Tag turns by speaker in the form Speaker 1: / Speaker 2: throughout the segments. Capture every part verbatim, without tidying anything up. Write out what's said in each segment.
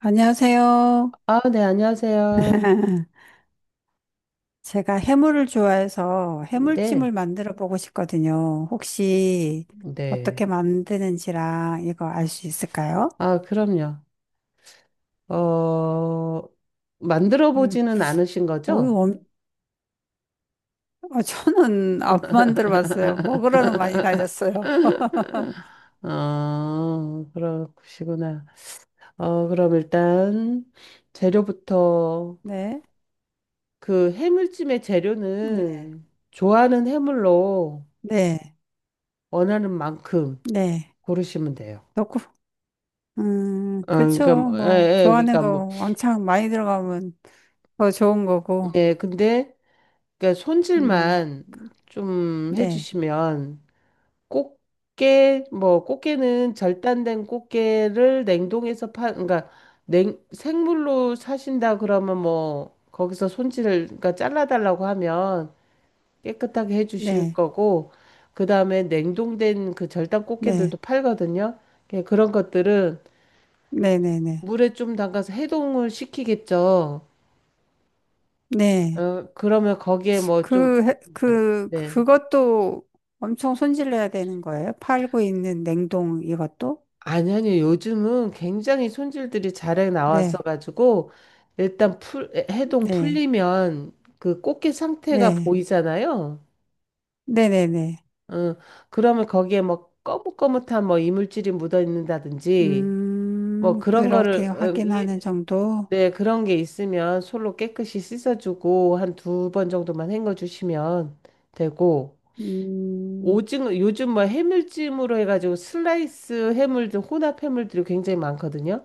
Speaker 1: 안녕하세요.
Speaker 2: 아, 네, 안녕하세요.
Speaker 1: 제가 해물을 좋아해서
Speaker 2: 네,
Speaker 1: 해물찜을 만들어 보고 싶거든요. 혹시
Speaker 2: 네.
Speaker 1: 어떻게 만드는지랑 이거 알 수 있을까요?
Speaker 2: 아, 그럼요. 어, 만들어
Speaker 1: 음.
Speaker 2: 보지는 않으신
Speaker 1: 어유,
Speaker 2: 거죠?
Speaker 1: 엄- 어, 저는 안 만들어 봤어요. 먹으러는 많이 다녔어요.
Speaker 2: 어, 그러시구나. 어, 그럼 일단 재료부터
Speaker 1: 네.
Speaker 2: 그 해물찜의
Speaker 1: 네.
Speaker 2: 재료는 좋아하는 해물로
Speaker 1: 네.
Speaker 2: 원하는 만큼
Speaker 1: 네.
Speaker 2: 고르시면 돼요.
Speaker 1: 넣고, 음,
Speaker 2: 어,
Speaker 1: 그쵸.
Speaker 2: 그러니까 뭐, 예,
Speaker 1: 뭐,
Speaker 2: 예,
Speaker 1: 좋아하는
Speaker 2: 그러니까 뭐,
Speaker 1: 거 왕창 많이 들어가면 더 좋은 거고.
Speaker 2: 예, 근데 그러니까
Speaker 1: 음,
Speaker 2: 손질만 좀
Speaker 1: 네.
Speaker 2: 해주시면 꽃게 뭐 꽃게는 절단된 꽃게를 냉동해서 파 그러니까 냉 생물로 사신다 그러면 뭐 거기서 손질을 그러니까 잘라달라고 하면 깨끗하게 해주실
Speaker 1: 네.
Speaker 2: 거고 그다음에 냉동된 그 절단
Speaker 1: 네.
Speaker 2: 꽃게들도 팔거든요. 예, 그런 것들은
Speaker 1: 네네네.
Speaker 2: 물에 좀 담가서 해동을 시키겠죠.
Speaker 1: 네.
Speaker 2: 어, 그러면 거기에 뭐 좀
Speaker 1: 그, 해- 그,
Speaker 2: 네.
Speaker 1: 그것도 엄청 손질해야 되는 거예요? 팔고 있는 냉동 이것도?
Speaker 2: 아니, 아니, 요즘은 굉장히 손질들이 잘해
Speaker 1: 네.
Speaker 2: 나왔어가지고, 일단 풀, 해동
Speaker 1: 네.
Speaker 2: 풀리면 그 꽃게 상태가
Speaker 1: 네.
Speaker 2: 보이잖아요.
Speaker 1: 네네네.
Speaker 2: 어, 그러면 거기에 뭐 거뭇거뭇한 뭐 이물질이 묻어 있는다든지, 뭐
Speaker 1: 음,
Speaker 2: 그런
Speaker 1: 그렇게
Speaker 2: 거를, 어,
Speaker 1: 확인하는
Speaker 2: 이-
Speaker 1: 정도?
Speaker 2: 네, 그런 게 있으면 솔로 깨끗이 씻어주고, 한 두 번 정도만 헹궈주시면 되고,
Speaker 1: 음,
Speaker 2: 오징어, 요즘 뭐 해물찜으로 해가지고 슬라이스 해물들, 혼합 해물들이 굉장히 많거든요.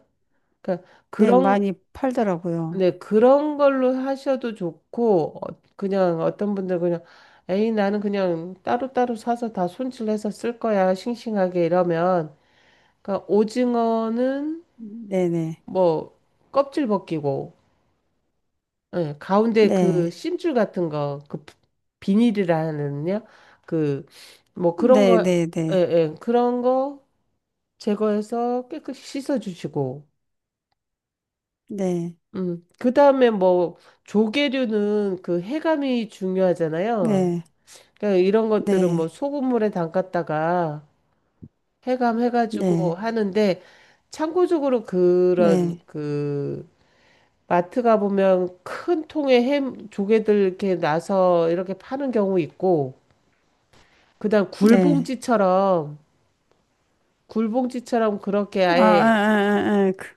Speaker 2: 그러니까
Speaker 1: 네.
Speaker 2: 그런
Speaker 1: 많이 팔더라고요.
Speaker 2: 네, 그런 걸로 하셔도 좋고, 어, 그냥 어떤 분들 그냥, 에이, 나는 그냥 따로따로 사서 다 손질해서 쓸 거야, 싱싱하게 이러면. 그러니까 오징어는
Speaker 1: 네네.
Speaker 2: 뭐, 껍질 벗기고, 예, 가운데 그
Speaker 1: 네.
Speaker 2: 심줄 같은 거, 그 비닐이라는요? 그, 뭐 그런 거,
Speaker 1: 네네네.
Speaker 2: 예,
Speaker 1: 네.
Speaker 2: 예, 그런 거 제거해서 깨끗이 씻어주시고,
Speaker 1: 네.
Speaker 2: 음, 그 다음에 뭐, 조개류는 그 해감이 중요하잖아요.
Speaker 1: 네.
Speaker 2: 그러니까 이런 것들은 뭐
Speaker 1: 네.
Speaker 2: 소금물에 담갔다가 해감해가지고
Speaker 1: 네.
Speaker 2: 하는데 참고적으로 그런
Speaker 1: 네.
Speaker 2: 그 마트 가보면 큰 통에 햄 조개들 이렇게 나서 이렇게 파는 경우 있고 그다음
Speaker 1: 네.
Speaker 2: 굴봉지처럼 굴봉지처럼 그렇게
Speaker 1: 아, 아,
Speaker 2: 아예
Speaker 1: 아, 아. 아. 그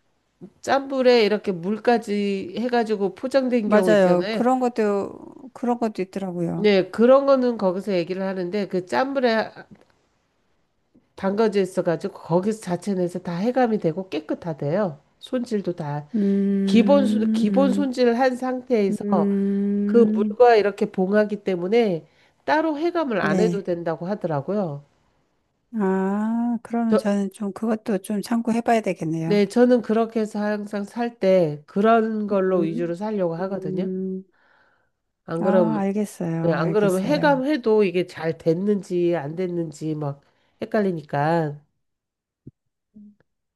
Speaker 2: 짠불에 이렇게 물까지 해가지고 포장된 경우
Speaker 1: 맞아요.
Speaker 2: 있잖아요.
Speaker 1: 그런 것도, 그런 것도 있더라고요.
Speaker 2: 네, 그런 거는 거기서 얘기를 하는데 그 짠불에 담가져 있어가지고 거기서 자체 내서 다 해감이 되고 깨끗하대요. 손질도 다 기본 손- 기본
Speaker 1: 음,
Speaker 2: 손질을 한
Speaker 1: 음,
Speaker 2: 상태에서 그
Speaker 1: 음,
Speaker 2: 물과 이렇게 봉하기 때문에 따로 해감을 안 해도
Speaker 1: 네.
Speaker 2: 된다고 하더라고요.
Speaker 1: 아, 그러면
Speaker 2: 저,
Speaker 1: 저는 좀 그것도 좀 참고해 봐야
Speaker 2: 네,
Speaker 1: 되겠네요.
Speaker 2: 저는 그렇게 해서 항상 살 때 그런 걸로
Speaker 1: 음,
Speaker 2: 위주로 살려고 하거든요.
Speaker 1: 음,
Speaker 2: 안
Speaker 1: 아,
Speaker 2: 그러면 네,
Speaker 1: 알겠어요.
Speaker 2: 안 그러면
Speaker 1: 알겠어요.
Speaker 2: 해감해도 이게 잘 됐는지 안 됐는지 막 헷갈리니까.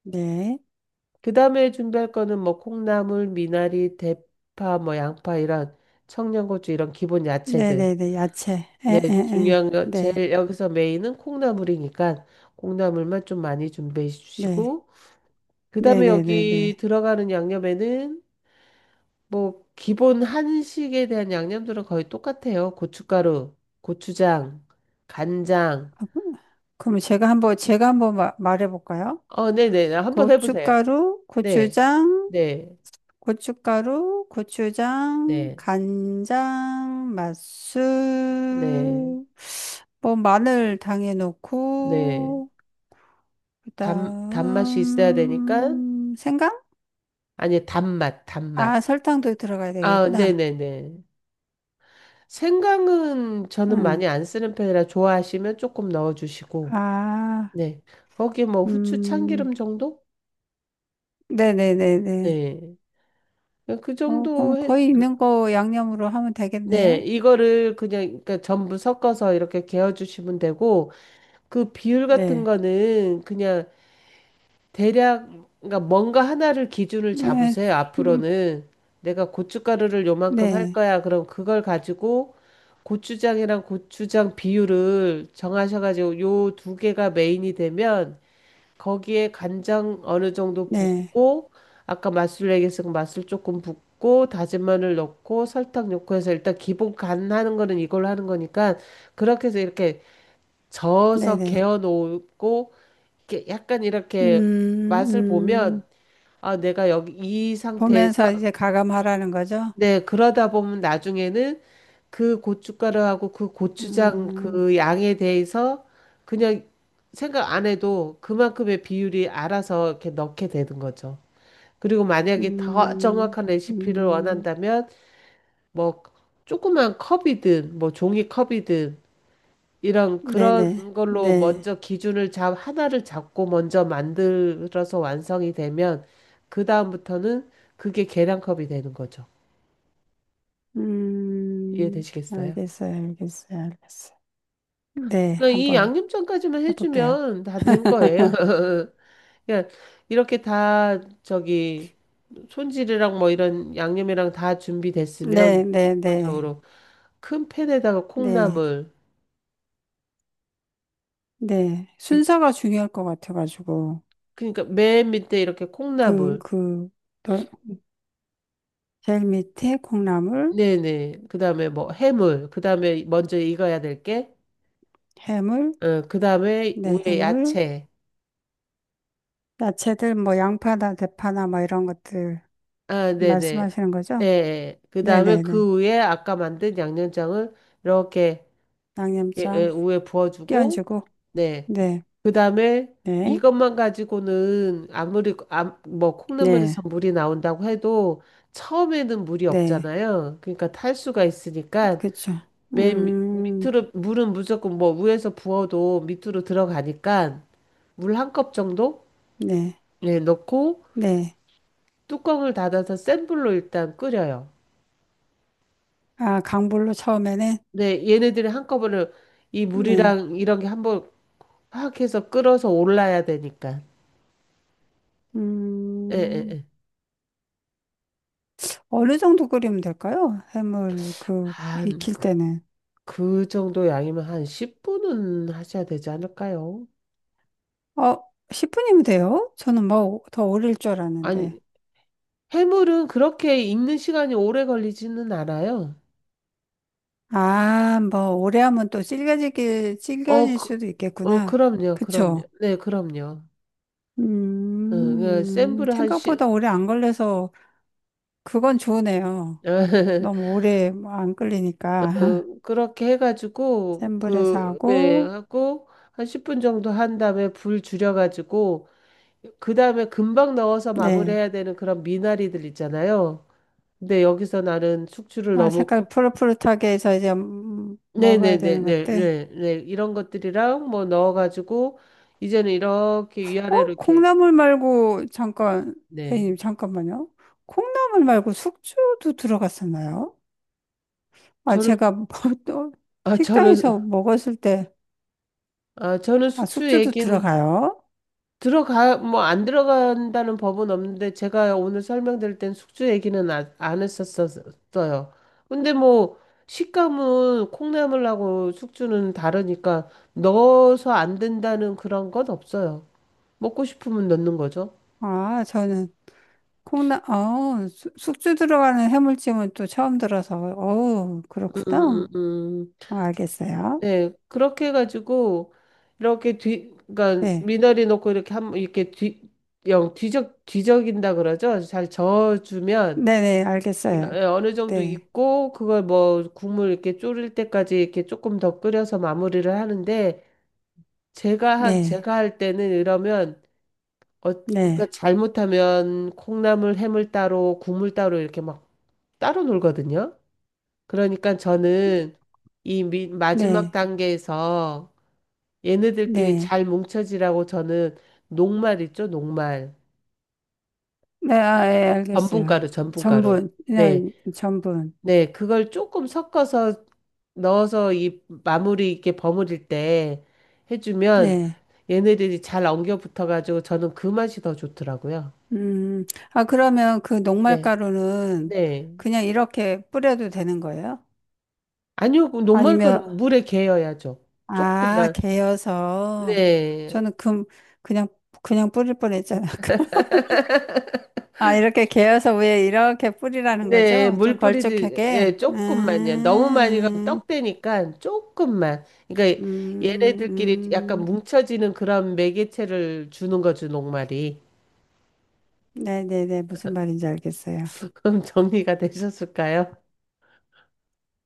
Speaker 1: 네.
Speaker 2: 그 다음에 준비할 거는 뭐 콩나물, 미나리, 대파, 뭐 양파 이런 청양고추 이런 기본 야채들.
Speaker 1: 네네네. 야채. 에, 에,
Speaker 2: 네,
Speaker 1: 에.
Speaker 2: 중요한 거
Speaker 1: 네.
Speaker 2: 제일 여기서 메인은 콩나물이니까 콩나물만 좀 많이 준비해
Speaker 1: 네.
Speaker 2: 주시고 그 다음에 여기
Speaker 1: 네네네네.
Speaker 2: 들어가는 양념에는 뭐 기본 한식에 대한 양념들은 거의 똑같아요. 고춧가루, 고추장, 간장.
Speaker 1: 그러면 제가 한번, 제가 한번 마- 말해 볼까요?
Speaker 2: 어, 네네. 한번 해보세요.
Speaker 1: 고춧가루,
Speaker 2: 네,
Speaker 1: 고추장,
Speaker 2: 네,
Speaker 1: 고춧가루, 고추장,
Speaker 2: 네,
Speaker 1: 간장,
Speaker 2: 네,
Speaker 1: 맛술, 뭐 마늘 당에
Speaker 2: 네.
Speaker 1: 넣고
Speaker 2: 단, 단맛이 있어야 되니까,
Speaker 1: 그다음 생강?
Speaker 2: 아니, 단맛,
Speaker 1: 아,
Speaker 2: 단맛.
Speaker 1: 설탕도 들어가야
Speaker 2: 아,
Speaker 1: 되겠구나.
Speaker 2: 네네네. 생강은 저는
Speaker 1: 응.
Speaker 2: 많이 안 쓰는 편이라 좋아하시면 조금 넣어주시고,
Speaker 1: 아,
Speaker 2: 네. 거기 뭐 후추
Speaker 1: 음,
Speaker 2: 참기름 정도?
Speaker 1: 네네네네.
Speaker 2: 네. 그
Speaker 1: 어,
Speaker 2: 정도
Speaker 1: 그럼
Speaker 2: 해,
Speaker 1: 거의 있는 거 양념으로 하면
Speaker 2: 네.
Speaker 1: 되겠네요.
Speaker 2: 이거를 그냥, 그러니까 전부 섞어서 이렇게 개어주시면 되고, 그 비율 같은
Speaker 1: 네.
Speaker 2: 거는 그냥 대략 그러니까 뭔가 하나를 기준을
Speaker 1: 네,
Speaker 2: 잡으세요.
Speaker 1: 음,
Speaker 2: 앞으로는 내가 고춧가루를 요만큼 할
Speaker 1: 네,
Speaker 2: 거야. 그럼 그걸 가지고 고추장이랑 고추장 비율을 정하셔가지고 요 두 개가 메인이 되면 거기에 간장 어느 정도
Speaker 1: 네,
Speaker 2: 붓고 아까 맛술 얘기했으니까 맛술 조금 붓고 다진 마늘 넣고 설탕 넣고 해서 일단 기본 간 하는 거는 이걸로 하는 거니까 그렇게 해서 이렇게 저어서
Speaker 1: 네네.
Speaker 2: 개어 놓고 이렇게 약간 이렇게 맛을
Speaker 1: 음, 음.
Speaker 2: 보면 아 내가 여기 이 상태에서
Speaker 1: 보면서 이제 가감하라는 거죠.
Speaker 2: 네 그러다 보면 나중에는 그 고춧가루하고 그 고추장
Speaker 1: 음,
Speaker 2: 그 양에 대해서 그냥 생각 안 해도 그만큼의 비율이 알아서 이렇게 넣게 되는 거죠. 그리고 만약에 더
Speaker 1: 음,
Speaker 2: 정확한 레시피를
Speaker 1: 음,
Speaker 2: 원한다면 뭐 조그만 컵이든 뭐 종이컵이든 이런 그런
Speaker 1: 네네,
Speaker 2: 걸로
Speaker 1: 네.
Speaker 2: 먼저 기준을 잡 하나를 잡고 먼저 만들어서 완성이 되면 그 다음부터는 그게 계량컵이 되는 거죠.
Speaker 1: 음,
Speaker 2: 이해되시겠어요?
Speaker 1: 알겠어요, 알겠어요, 알겠어요. 네,
Speaker 2: 그러니까 이
Speaker 1: 한번
Speaker 2: 양념장까지만
Speaker 1: 해볼게요.
Speaker 2: 해주면 다 된 거예요. 그냥 이렇게 다 저기 손질이랑 뭐 이런 양념이랑 다 준비됐으면
Speaker 1: 네, 네, 네,
Speaker 2: 기본적으로 큰 팬에다가
Speaker 1: 네,
Speaker 2: 콩나물
Speaker 1: 네.
Speaker 2: 이-
Speaker 1: 순서가 중요할 것 같아가지고.
Speaker 2: 그러니까 맨 밑에 이렇게
Speaker 1: 그,
Speaker 2: 콩나물
Speaker 1: 그, 또 제일 밑에 콩나물,
Speaker 2: 네네. 그다음에 뭐 해물, 그다음에 먼저 익어야 될 게,
Speaker 1: 해물,
Speaker 2: 어, 그다음에
Speaker 1: 네,
Speaker 2: 위에
Speaker 1: 해물,
Speaker 2: 야채.
Speaker 1: 야채들, 뭐, 양파나 대파나 뭐 이런 것들
Speaker 2: 아, 네네.
Speaker 1: 말씀하시는
Speaker 2: 예,
Speaker 1: 거죠?
Speaker 2: 예. 그다음에
Speaker 1: 네네네.
Speaker 2: 그 위에 아까 만든 양념장을 이렇게 예, 예,
Speaker 1: 양념장
Speaker 2: 위에 부어주고,
Speaker 1: 끼얹고
Speaker 2: 네.
Speaker 1: 네,
Speaker 2: 그다음에
Speaker 1: 네,
Speaker 2: 이것만 가지고는 아무리 아, 뭐
Speaker 1: 네,
Speaker 2: 콩나물에서 물이 나온다고 해도 처음에는 물이
Speaker 1: 네,
Speaker 2: 없잖아요. 그러니까 탈수가 있으니까
Speaker 1: 그쵸.
Speaker 2: 맨 밑-
Speaker 1: 음,
Speaker 2: 밑으로 물은 무조건 뭐 위에서 부어도 밑으로 들어가니까. 물 한 컵 정도
Speaker 1: 네,
Speaker 2: 예, 넣고
Speaker 1: 네.
Speaker 2: 뚜껑을 닫아서 센 불로 일단 끓여요.
Speaker 1: 아, 강불로 처음에는
Speaker 2: 근데 얘네들이 한꺼번에 이
Speaker 1: 네,
Speaker 2: 물이랑 이런 게 한번 확 해서 끓어서 올라야 되니까. 예, 예,
Speaker 1: 음,
Speaker 2: 예.
Speaker 1: 어느 정도 끓이면 될까요? 해물 그
Speaker 2: 한
Speaker 1: 익힐
Speaker 2: 그,
Speaker 1: 때는
Speaker 2: 그 정도 양이면 한 십 분은 하셔야 되지 않을까요?
Speaker 1: 어, 십 분이면 돼요? 저는 뭐 더 오래일 줄 알았는데.
Speaker 2: 아니, 해물은 그렇게 익는 시간이 오래 걸리지는 않아요.
Speaker 1: 아, 뭐 오래 하면 또 질겨지기
Speaker 2: 어,
Speaker 1: 질겨질
Speaker 2: 그,
Speaker 1: 수도
Speaker 2: 어,
Speaker 1: 있겠구나.
Speaker 2: 그럼요, 그럼요.
Speaker 1: 그쵸?
Speaker 2: 네, 그럼요. 응, 그 센
Speaker 1: 음,
Speaker 2: 불에 한 십,
Speaker 1: 생각보다 오래 안 걸려서 그건 좋으네요. 너무 오래 뭐 안 끓이니까
Speaker 2: 그, 그렇게 해가지고
Speaker 1: 센 불에서
Speaker 2: 그 예,
Speaker 1: 하고
Speaker 2: 하고 한 십 분 정도 한 다음에 불 줄여가지고 그 다음에 금방 넣어서
Speaker 1: 네.
Speaker 2: 마무리해야 되는 그런 미나리들 있잖아요. 근데 여기서 나는 숙주를
Speaker 1: 아,
Speaker 2: 너무 고-
Speaker 1: 색깔 푸릇푸릇하게 해서 이제 음, 음, 먹어야
Speaker 2: 네네네네
Speaker 1: 되는
Speaker 2: 네,
Speaker 1: 것들.
Speaker 2: 네 네, 이런 것들이랑 뭐 넣어가지고 이제는 이렇게
Speaker 1: 어?
Speaker 2: 위아래로 이렇게
Speaker 1: 콩나물 말고 잠깐
Speaker 2: 네
Speaker 1: 선생님 잠깐만요. 콩나물 말고 숙주도 들어갔었나요? 아,
Speaker 2: 저는
Speaker 1: 제가 뭐 또
Speaker 2: 아
Speaker 1: 식당에서
Speaker 2: 저는
Speaker 1: 먹었을 때
Speaker 2: 아 저는
Speaker 1: 아,
Speaker 2: 숙주
Speaker 1: 숙주도
Speaker 2: 얘기는
Speaker 1: 들어가요?
Speaker 2: 들어가, 뭐, 안 들어간다는 법은 없는데, 제가 오늘 설명드릴 땐 숙주 얘기는 아, 안 했었어요. 근데 뭐, 식감은 콩나물하고 숙주는 다르니까, 넣어서 안 된다는 그런 건 없어요. 먹고 싶으면 넣는 거죠.
Speaker 1: 아, 저는 콩나 어, 수- 숙주 들어가는 해물찜은 또 처음 들어서 어,
Speaker 2: 음, 음,
Speaker 1: 그렇구나.
Speaker 2: 음. 음.
Speaker 1: 아, 알겠어요.
Speaker 2: 네, 그렇게 해가지고, 이렇게 뒤, 그러니까
Speaker 1: 네.
Speaker 2: 미나리 넣고 이렇게 한, 이렇게 뒤, 영, 뒤적, 뒤적인다 그러죠? 잘 저어주면,
Speaker 1: 네네, 알겠어요.
Speaker 2: 예, 어느 정도
Speaker 1: 네,
Speaker 2: 있고 그걸 뭐 국물 이렇게 졸일 때까지 이렇게 조금 더 끓여서 마무리를 하는데 제가 하-
Speaker 1: 네,
Speaker 2: 제가 할 때는 이러면 어 그러니까
Speaker 1: 네,
Speaker 2: 잘못하면 콩나물 해물 따로 국물 따로 이렇게 막 따로 놀거든요. 그러니까 저는 이 미- 마지막
Speaker 1: 네,
Speaker 2: 단계에서 얘네들끼리
Speaker 1: 네.
Speaker 2: 잘 뭉쳐지라고 저는 녹말 있죠, 녹말.
Speaker 1: 네, 아, 예, 알겠어요.
Speaker 2: 전분가루, 전분가루.
Speaker 1: 전분,
Speaker 2: 네.
Speaker 1: 그냥 전분.
Speaker 2: 네, 그걸 조금 섞어서 넣어서 이 마무리 이렇게 버무릴 때 해주면
Speaker 1: 네.
Speaker 2: 얘네들이 잘 엉겨 붙어가지고 저는 그 맛이 더 좋더라고요.
Speaker 1: 음, 아, 그러면 그
Speaker 2: 네,
Speaker 1: 녹말가루는
Speaker 2: 네.
Speaker 1: 그냥 이렇게 뿌려도 되는 거예요?
Speaker 2: 아니요, 그
Speaker 1: 아니면,
Speaker 2: 녹말거는 물에 개어야죠.
Speaker 1: 아,
Speaker 2: 조금만.
Speaker 1: 개여서.
Speaker 2: 네,
Speaker 1: 저는 금, 그냥, 그냥 뿌릴 뻔했잖아요. 아, 이렇게 개어서 위에 이렇게 뿌리라는
Speaker 2: 네,
Speaker 1: 거죠? 좀
Speaker 2: 물 뿌리지, 예,
Speaker 1: 걸쭉하게?
Speaker 2: 조금만요. 너무 많이 가면
Speaker 1: 음,
Speaker 2: 떡되니까 조금만. 그러니까
Speaker 1: 음,
Speaker 2: 얘네들끼리 약간
Speaker 1: 음,
Speaker 2: 뭉쳐지는 그런 매개체를 주는 거죠, 녹말이.
Speaker 1: 네네네. 무슨 말인지 알겠어요.
Speaker 2: 그럼 정리가 되셨을까요?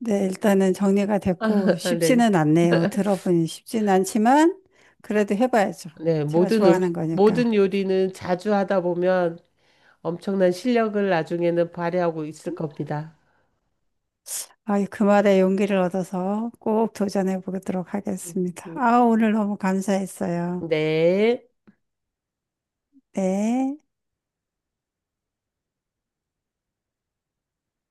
Speaker 1: 네, 일단은 정리가 됐고,
Speaker 2: 아, 네.
Speaker 1: 쉽지는 않네요. 들어보니 쉽지는 않지만, 그래도 해봐야죠.
Speaker 2: 네,
Speaker 1: 제가
Speaker 2: 모든 음
Speaker 1: 좋아하는 거니까.
Speaker 2: 모든 요리는 자주 하다 보면 엄청난 실력을 나중에는 발휘하고 있을 겁니다.
Speaker 1: 아, 그 말에 용기를 얻어서 꼭 도전해 보도록
Speaker 2: 음,
Speaker 1: 하겠습니다.
Speaker 2: 음,
Speaker 1: 아, 오늘 너무 감사했어요.
Speaker 2: 네.
Speaker 1: 네.